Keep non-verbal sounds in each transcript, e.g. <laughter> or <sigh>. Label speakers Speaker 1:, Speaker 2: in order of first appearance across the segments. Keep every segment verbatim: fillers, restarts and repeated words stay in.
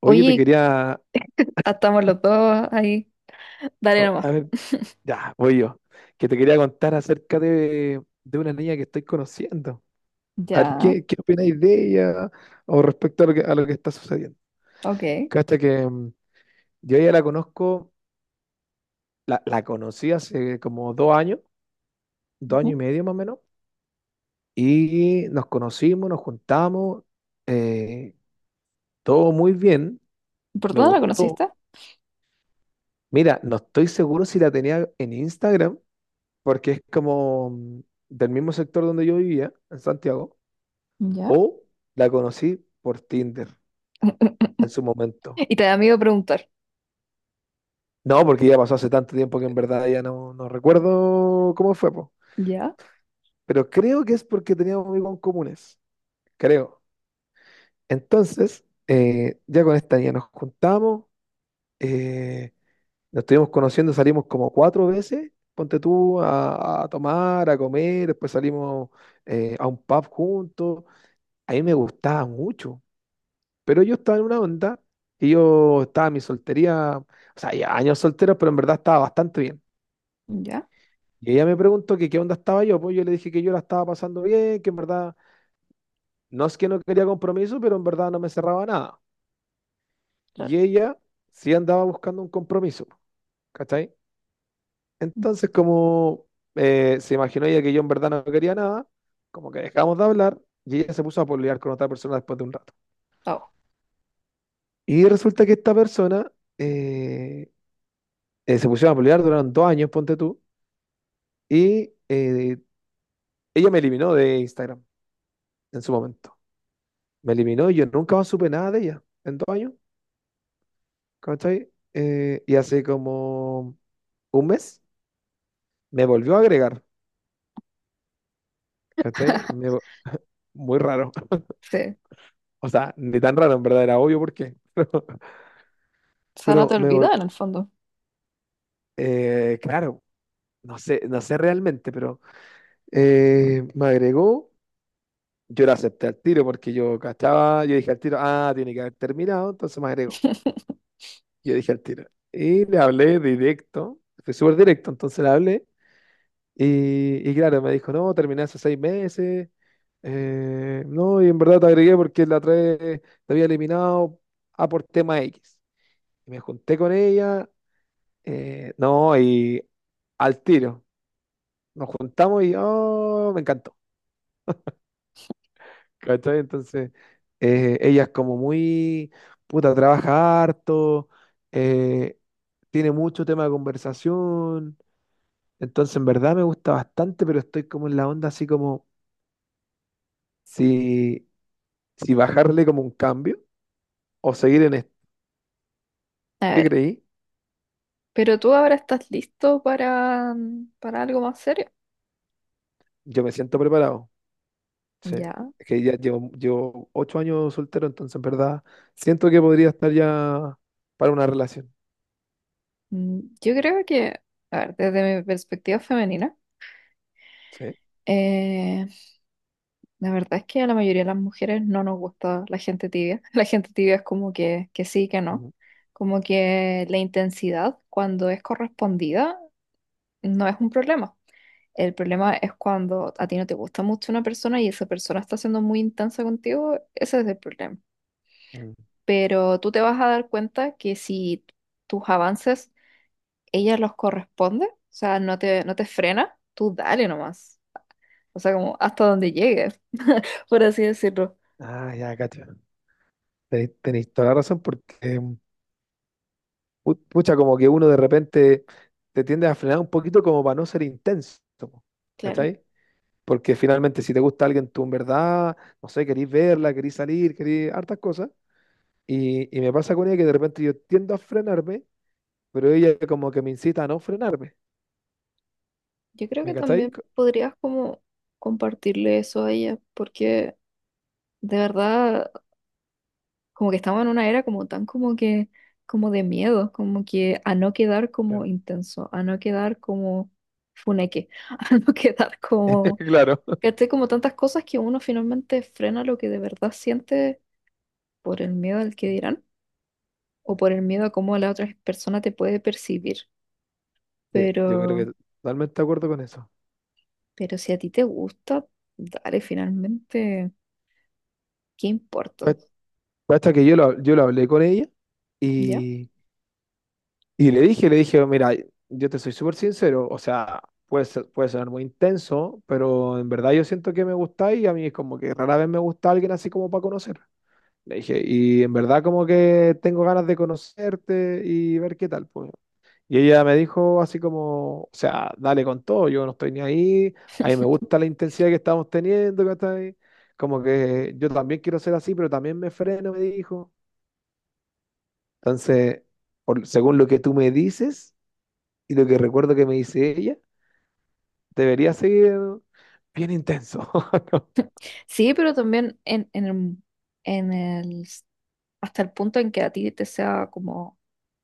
Speaker 1: Oye, te
Speaker 2: Oye,
Speaker 1: quería,
Speaker 2: estamos los dos ahí. Dale
Speaker 1: o-
Speaker 2: nomás.
Speaker 1: a ver, ya, voy yo, que te quería contar acerca de, de una niña que estoy conociendo. A ver,
Speaker 2: Ya,
Speaker 1: ¿qué, qué opináis de ella o respecto a lo que, a lo que está sucediendo?
Speaker 2: ok.
Speaker 1: Cacha que mm, yo ya la conozco, la, la conocí hace como dos años, dos años
Speaker 2: Ujú.
Speaker 1: y medio más o menos, y nos conocimos, nos juntamos, eh, todo muy bien,
Speaker 2: ¿Por
Speaker 1: me
Speaker 2: dónde la
Speaker 1: gustó.
Speaker 2: conociste?
Speaker 1: Mira, no estoy seguro si la tenía en Instagram porque es como mm, del mismo sector donde yo vivía, en Santiago,
Speaker 2: ¿Ya?
Speaker 1: o la conocí por Tinder en su momento.
Speaker 2: Y te da miedo preguntar.
Speaker 1: No, porque ya pasó hace tanto tiempo que en verdad ya no, no recuerdo cómo fue, po.
Speaker 2: ¿Ya?
Speaker 1: Pero creo que es porque teníamos amigos en comunes, creo. Entonces, eh, ya con esta niña nos juntamos, eh, nos estuvimos conociendo, salimos como cuatro veces, ponte tú a, a tomar, a comer, después salimos eh, a un pub juntos. A mí me gustaba mucho. Pero yo estaba en una onda y yo estaba en mi soltería, o sea, ya años solteros, pero en verdad estaba bastante bien.
Speaker 2: ¿Ya?
Speaker 1: Y ella me preguntó que qué onda estaba yo, pues yo le dije que yo la estaba pasando bien, que en verdad no es que no quería compromiso, pero en verdad no me cerraba nada.
Speaker 2: Claro.
Speaker 1: Y ella sí andaba buscando un compromiso, ¿cachai? Entonces, como eh, se imaginó ella que yo en verdad no quería nada, como que dejamos de hablar y ella se puso a pololear con otra persona después de un rato.
Speaker 2: Oh,
Speaker 1: Y resulta que esta persona eh, eh, se pusieron a pololear, duraron dos años, ponte tú. Y eh, ella me eliminó de Instagram en su momento. Me eliminó y yo nunca más supe nada de ella en dos años. ¿Cachai? Eh, y hace como un mes me volvió a agregar. ¿Cachai? Me vo- muy raro. <laughs>
Speaker 2: sí.
Speaker 1: O sea, ni tan raro, en verdad, era obvio por qué.
Speaker 2: O sea, no
Speaker 1: Pero
Speaker 2: te
Speaker 1: me vol-
Speaker 2: olvidas en el fondo.
Speaker 1: eh, claro, no sé, no sé realmente, pero eh, me agregó. Yo la acepté al tiro porque yo cachaba, yo dije al tiro, ah, tiene que haber terminado, entonces me agregó.
Speaker 2: <laughs>
Speaker 1: Yo dije al tiro. Y le hablé directo, fue súper directo, entonces le hablé. Y, y claro, me dijo, no, terminé hace seis meses. eh, no, y en verdad te agregué porque la otra vez te había eliminado a por tema X. Y me junté con ella, eh, no, y al tiro. Nos juntamos y oh, me encantó. ¿Cachai? Entonces, eh, ella es como muy, puta, trabaja harto, eh, tiene mucho tema de conversación. Entonces, en verdad me gusta bastante, pero estoy como en la onda así como si, si bajarle como un cambio o seguir en esto.
Speaker 2: A
Speaker 1: ¿Qué
Speaker 2: ver,
Speaker 1: creí?
Speaker 2: pero tú ahora estás listo para, mm, para algo más serio.
Speaker 1: Yo me siento preparado. Sí.
Speaker 2: ¿Ya?
Speaker 1: Es que ya llevo, llevo ocho años soltero, entonces en verdad siento que podría estar ya para una relación.
Speaker 2: Mm, yo creo que, a ver, desde mi perspectiva femenina,
Speaker 1: Sí.
Speaker 2: eh, la verdad es que a la mayoría de las mujeres no nos gusta la gente tibia. <laughs> La gente tibia es como que, que sí, que no.
Speaker 1: Mm,
Speaker 2: Como que la intensidad, cuando es correspondida, no es un problema. El problema es cuando a ti no te gusta mucho una persona y esa persona está siendo muy intensa contigo, ese es el problema.
Speaker 1: mm.
Speaker 2: Pero tú te vas a dar cuenta que si tus avances, ella los corresponde, o sea, no te, no te frena, tú dale nomás. O sea, como hasta donde llegues, <laughs> por así decirlo.
Speaker 1: Ah, ya, cacho. Tenéis, tenéis toda la razón porque, mm, pu- pucha, como que uno de repente te tiende a frenar un poquito como para no ser intenso, po,
Speaker 2: Claro.
Speaker 1: ¿cachai? Porque finalmente, si te gusta alguien, tú en verdad, no sé, querís verla, querís salir, querís hartas cosas. Y, y me pasa con ella que de repente yo tiendo a frenarme, pero ella como que me incita a no frenarme.
Speaker 2: Yo creo
Speaker 1: ¿Me
Speaker 2: que
Speaker 1: cacháis?
Speaker 2: también podrías como compartirle eso a ella, porque de verdad como que estamos en una era como tan como que, como de miedo, como que a no quedar como
Speaker 1: Claro.
Speaker 2: intenso, a no quedar como funeque, <laughs> a no quedar
Speaker 1: <laughs>
Speaker 2: como,
Speaker 1: Claro.
Speaker 2: ¿cachai? Como tantas cosas que uno finalmente frena lo que de verdad siente por el miedo al que dirán o por el miedo a cómo la otra persona te puede percibir.
Speaker 1: Sí, yo creo
Speaker 2: Pero,
Speaker 1: que totalmente de acuerdo con eso.
Speaker 2: pero si a ti te gusta, dale finalmente, ¿qué importa?
Speaker 1: Pues, basta que yo lo, yo lo hablé con ella
Speaker 2: ¿Ya?
Speaker 1: y, y le dije, le dije, mira, yo te soy súper sincero, o sea, puede, ser- puede sonar muy intenso, pero en verdad yo siento que me gusta y a mí es como que rara vez me gusta alguien así como para conocer. Le dije, y en verdad como que tengo ganas de conocerte y ver qué tal, pues. Y ella me dijo así como, o sea, dale con todo, yo no estoy ni ahí, a mí me
Speaker 2: <laughs>
Speaker 1: gusta la intensidad que estamos teniendo, ¿cachai? Como que yo también quiero ser así, pero también me freno, me dijo. Entonces, por- según lo que tú me dices y lo que recuerdo que me dice ella, debería seguir bien intenso. <laughs>
Speaker 2: Sí, pero también en, en el, en el- hasta el punto en que a ti te sea como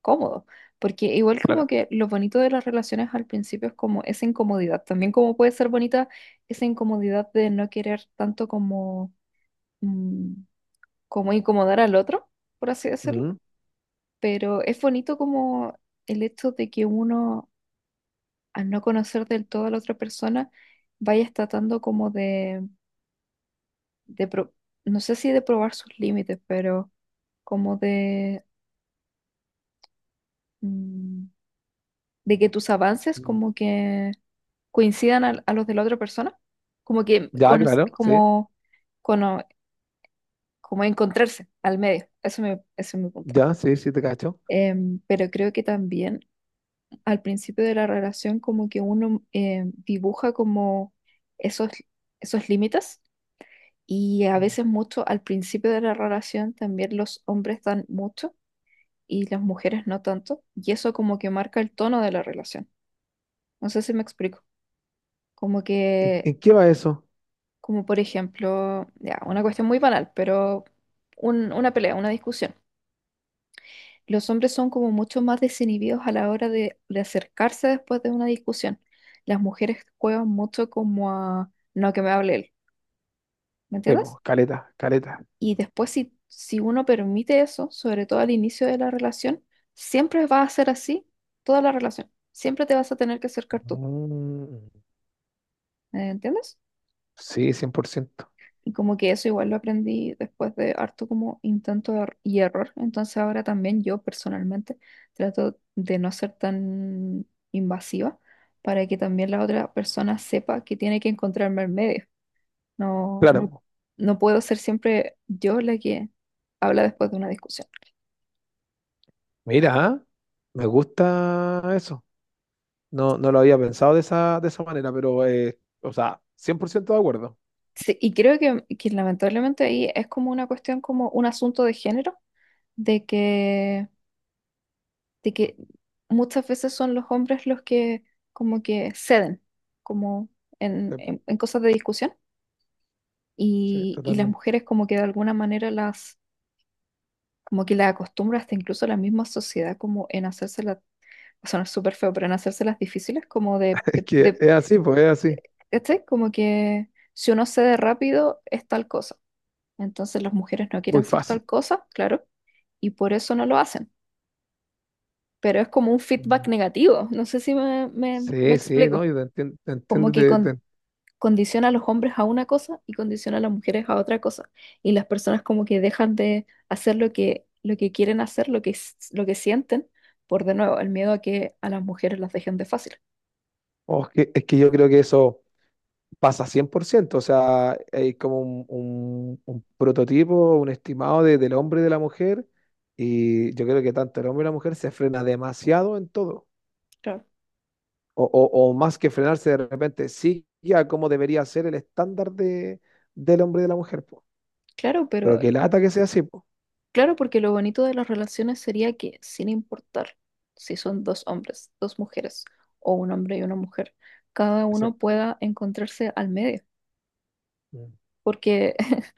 Speaker 2: cómodo. Porque igual como
Speaker 1: Claro.
Speaker 2: que lo bonito de las relaciones al principio es como esa incomodidad. También como puede ser bonita esa incomodidad de no querer tanto como, mm, como incomodar al otro, por así decirlo.
Speaker 1: Mm.
Speaker 2: Pero es bonito como el hecho de que uno, al no conocer del todo a la otra persona, vaya tratando como de pro- no sé si de probar sus límites, pero como de, mm, de que tus avances como que coincidan al- a, los de la otra persona, como que
Speaker 1: Ya,
Speaker 2: cono-
Speaker 1: claro, sí.
Speaker 2: como, cono- como encontrarse al medio, eso me, eso es mi punto.
Speaker 1: Ya, sí, sí, te cacho.
Speaker 2: Em, pero creo que también al principio de la relación como que uno em, dibuja como esos, esos límites y a veces mucho al principio de la relación también los hombres dan mucho y las mujeres no tanto, y eso como que marca el tono de la relación. No sé si me explico. Como
Speaker 1: ¿En,
Speaker 2: que,
Speaker 1: en qué va eso?
Speaker 2: como por ejemplo, ya, una cuestión muy banal, pero un- una pelea, una discusión. Los hombres son como mucho más desinhibidos a la hora de, de acercarse después de una discusión. Las mujeres juegan mucho como a, no, que me hable él, ¿me
Speaker 1: Sí,
Speaker 2: entiendes?
Speaker 1: po, caleta, caleta.
Speaker 2: Y después si, si uno permite eso, sobre todo al inicio de la relación, siempre va a ser así toda la relación. Siempre te vas a tener que acercar tú.
Speaker 1: Mm.
Speaker 2: ¿Eh? ¿Entiendes?
Speaker 1: Sí, cien por ciento.
Speaker 2: Y como que eso igual lo aprendí después de harto como intento er- y error. Entonces ahora también yo personalmente trato de no ser tan invasiva para que también la otra persona sepa que tiene que encontrarme en medio. No,
Speaker 1: Claro,
Speaker 2: no,
Speaker 1: po.
Speaker 2: no puedo ser siempre yo la que habla después de una discusión.
Speaker 1: Mira, ah, me gusta eso. No, no lo había pensado de esa, de esa manera, pero, eh, o sea, cien por ciento de acuerdo.
Speaker 2: Sí, y creo que, que lamentablemente ahí es como una cuestión, como un asunto de género, de que de que muchas veces son los hombres los que como que ceden, como en,
Speaker 1: Sí, po,
Speaker 2: en- en cosas de discusión,
Speaker 1: sí,
Speaker 2: y, y las
Speaker 1: totalmente.
Speaker 2: mujeres como que de alguna manera las, como que las acostumbra hasta incluso la misma sociedad como en hacérselas, va a sonar súper feo, pero en hacérselas difíciles, como de,
Speaker 1: <laughs> Es
Speaker 2: de,
Speaker 1: que
Speaker 2: de-
Speaker 1: es así, pues es así.
Speaker 2: ¿cachai? Como que si uno cede rápido es tal cosa. Entonces las mujeres no
Speaker 1: Muy
Speaker 2: quieren ser
Speaker 1: fácil.
Speaker 2: tal cosa, claro, y por eso no lo hacen. Pero es como un feedback
Speaker 1: Mm.
Speaker 2: negativo. No sé si me, me me
Speaker 1: Sí, sí, ¿no?
Speaker 2: explico.
Speaker 1: Yo te entiendo, te
Speaker 2: Como
Speaker 1: entiendo,
Speaker 2: que
Speaker 1: te-
Speaker 2: con-
Speaker 1: te-
Speaker 2: condiciona a los hombres a una cosa y condiciona a las mujeres a otra cosa. Y las personas como que dejan de hacer lo que, lo que quieren hacer, lo que, s- lo que sienten, por de nuevo, el miedo a que a las mujeres las dejen de fácil.
Speaker 1: oh, es que, es que yo creo que eso pasa cien por ciento. O sea, hay como un, un- un prototipo, un estimado de- del hombre y de la mujer, y yo creo que tanto el hombre y la mujer se frena demasiado en todo,
Speaker 2: Claro,
Speaker 1: o, o- o más que frenarse de repente, sí, ya como debería ser el estándar de, del hombre y de la mujer, po.
Speaker 2: claro,
Speaker 1: Pero
Speaker 2: pero
Speaker 1: que lata que sea así, po.
Speaker 2: claro, porque lo bonito de las relaciones sería que sin importar si son dos hombres, dos mujeres, o un hombre y una mujer, cada uno
Speaker 1: Exacto.
Speaker 2: pueda encontrarse al medio.
Speaker 1: Mm.
Speaker 2: Porque, <laughs>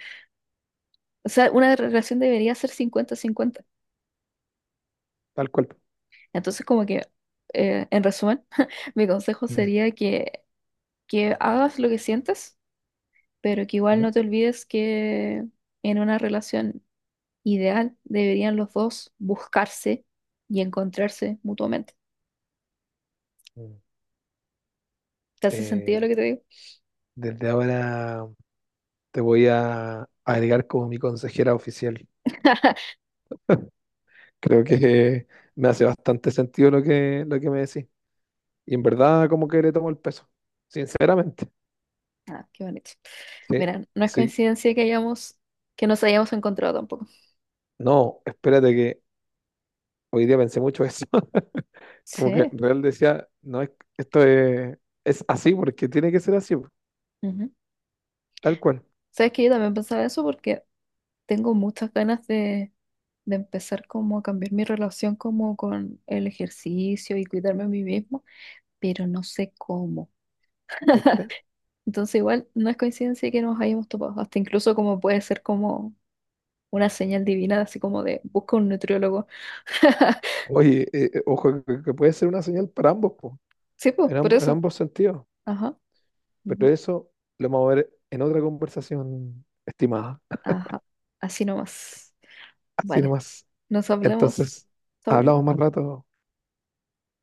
Speaker 2: o sea, una relación debería ser cincuenta cincuenta.
Speaker 1: Tal cual.
Speaker 2: Entonces, como que, eh, en resumen, <laughs> mi consejo
Speaker 1: Mm,
Speaker 2: sería que, que hagas lo que sientes, pero que igual
Speaker 1: mm,
Speaker 2: no te olvides que en una relación ideal deberían los dos buscarse y encontrarse mutuamente.
Speaker 1: mm.
Speaker 2: ¿Te hace
Speaker 1: Eh,
Speaker 2: sentido lo que te digo?
Speaker 1: desde ahora te voy a agregar como mi consejera oficial.
Speaker 2: <laughs>
Speaker 1: Creo que me hace bastante sentido lo que, lo que me decís. Y en verdad, como que le tomo el peso. Sinceramente.
Speaker 2: Ah, qué bonito.
Speaker 1: Sí.
Speaker 2: Mira, no es
Speaker 1: Así,
Speaker 2: coincidencia que hayamos, que nos hayamos encontrado tampoco.
Speaker 1: no, espérate que hoy día pensé mucho eso. <laughs> Como que
Speaker 2: Sí.
Speaker 1: real decía, no es, esto es, es así porque tiene que ser así, po,
Speaker 2: Ujú.
Speaker 1: tal cual.
Speaker 2: Sabes que yo también pensaba eso porque tengo muchas ganas de de empezar como a cambiar mi relación como con el ejercicio y cuidarme a mí mismo, pero no sé cómo.
Speaker 1: ¿Viste?
Speaker 2: Entonces igual no es coincidencia que nos hayamos topado, hasta incluso como puede ser como una señal divina, así como de busca un nutriólogo. <laughs>
Speaker 1: Oye, eh, eh, ojo, que, que puede ser una señal para ambos, po,
Speaker 2: Sí, pues,
Speaker 1: en
Speaker 2: por
Speaker 1: ambos, en
Speaker 2: eso.
Speaker 1: ambos sentidos.
Speaker 2: Ajá,
Speaker 1: Pero
Speaker 2: ujú,
Speaker 1: eso lo vamos a ver en otra conversación, estimada.
Speaker 2: ajá, así nomás.
Speaker 1: Así
Speaker 2: Vale,
Speaker 1: nomás.
Speaker 2: nos hablemos.
Speaker 1: Entonces, hablamos
Speaker 2: Chau.
Speaker 1: más rato.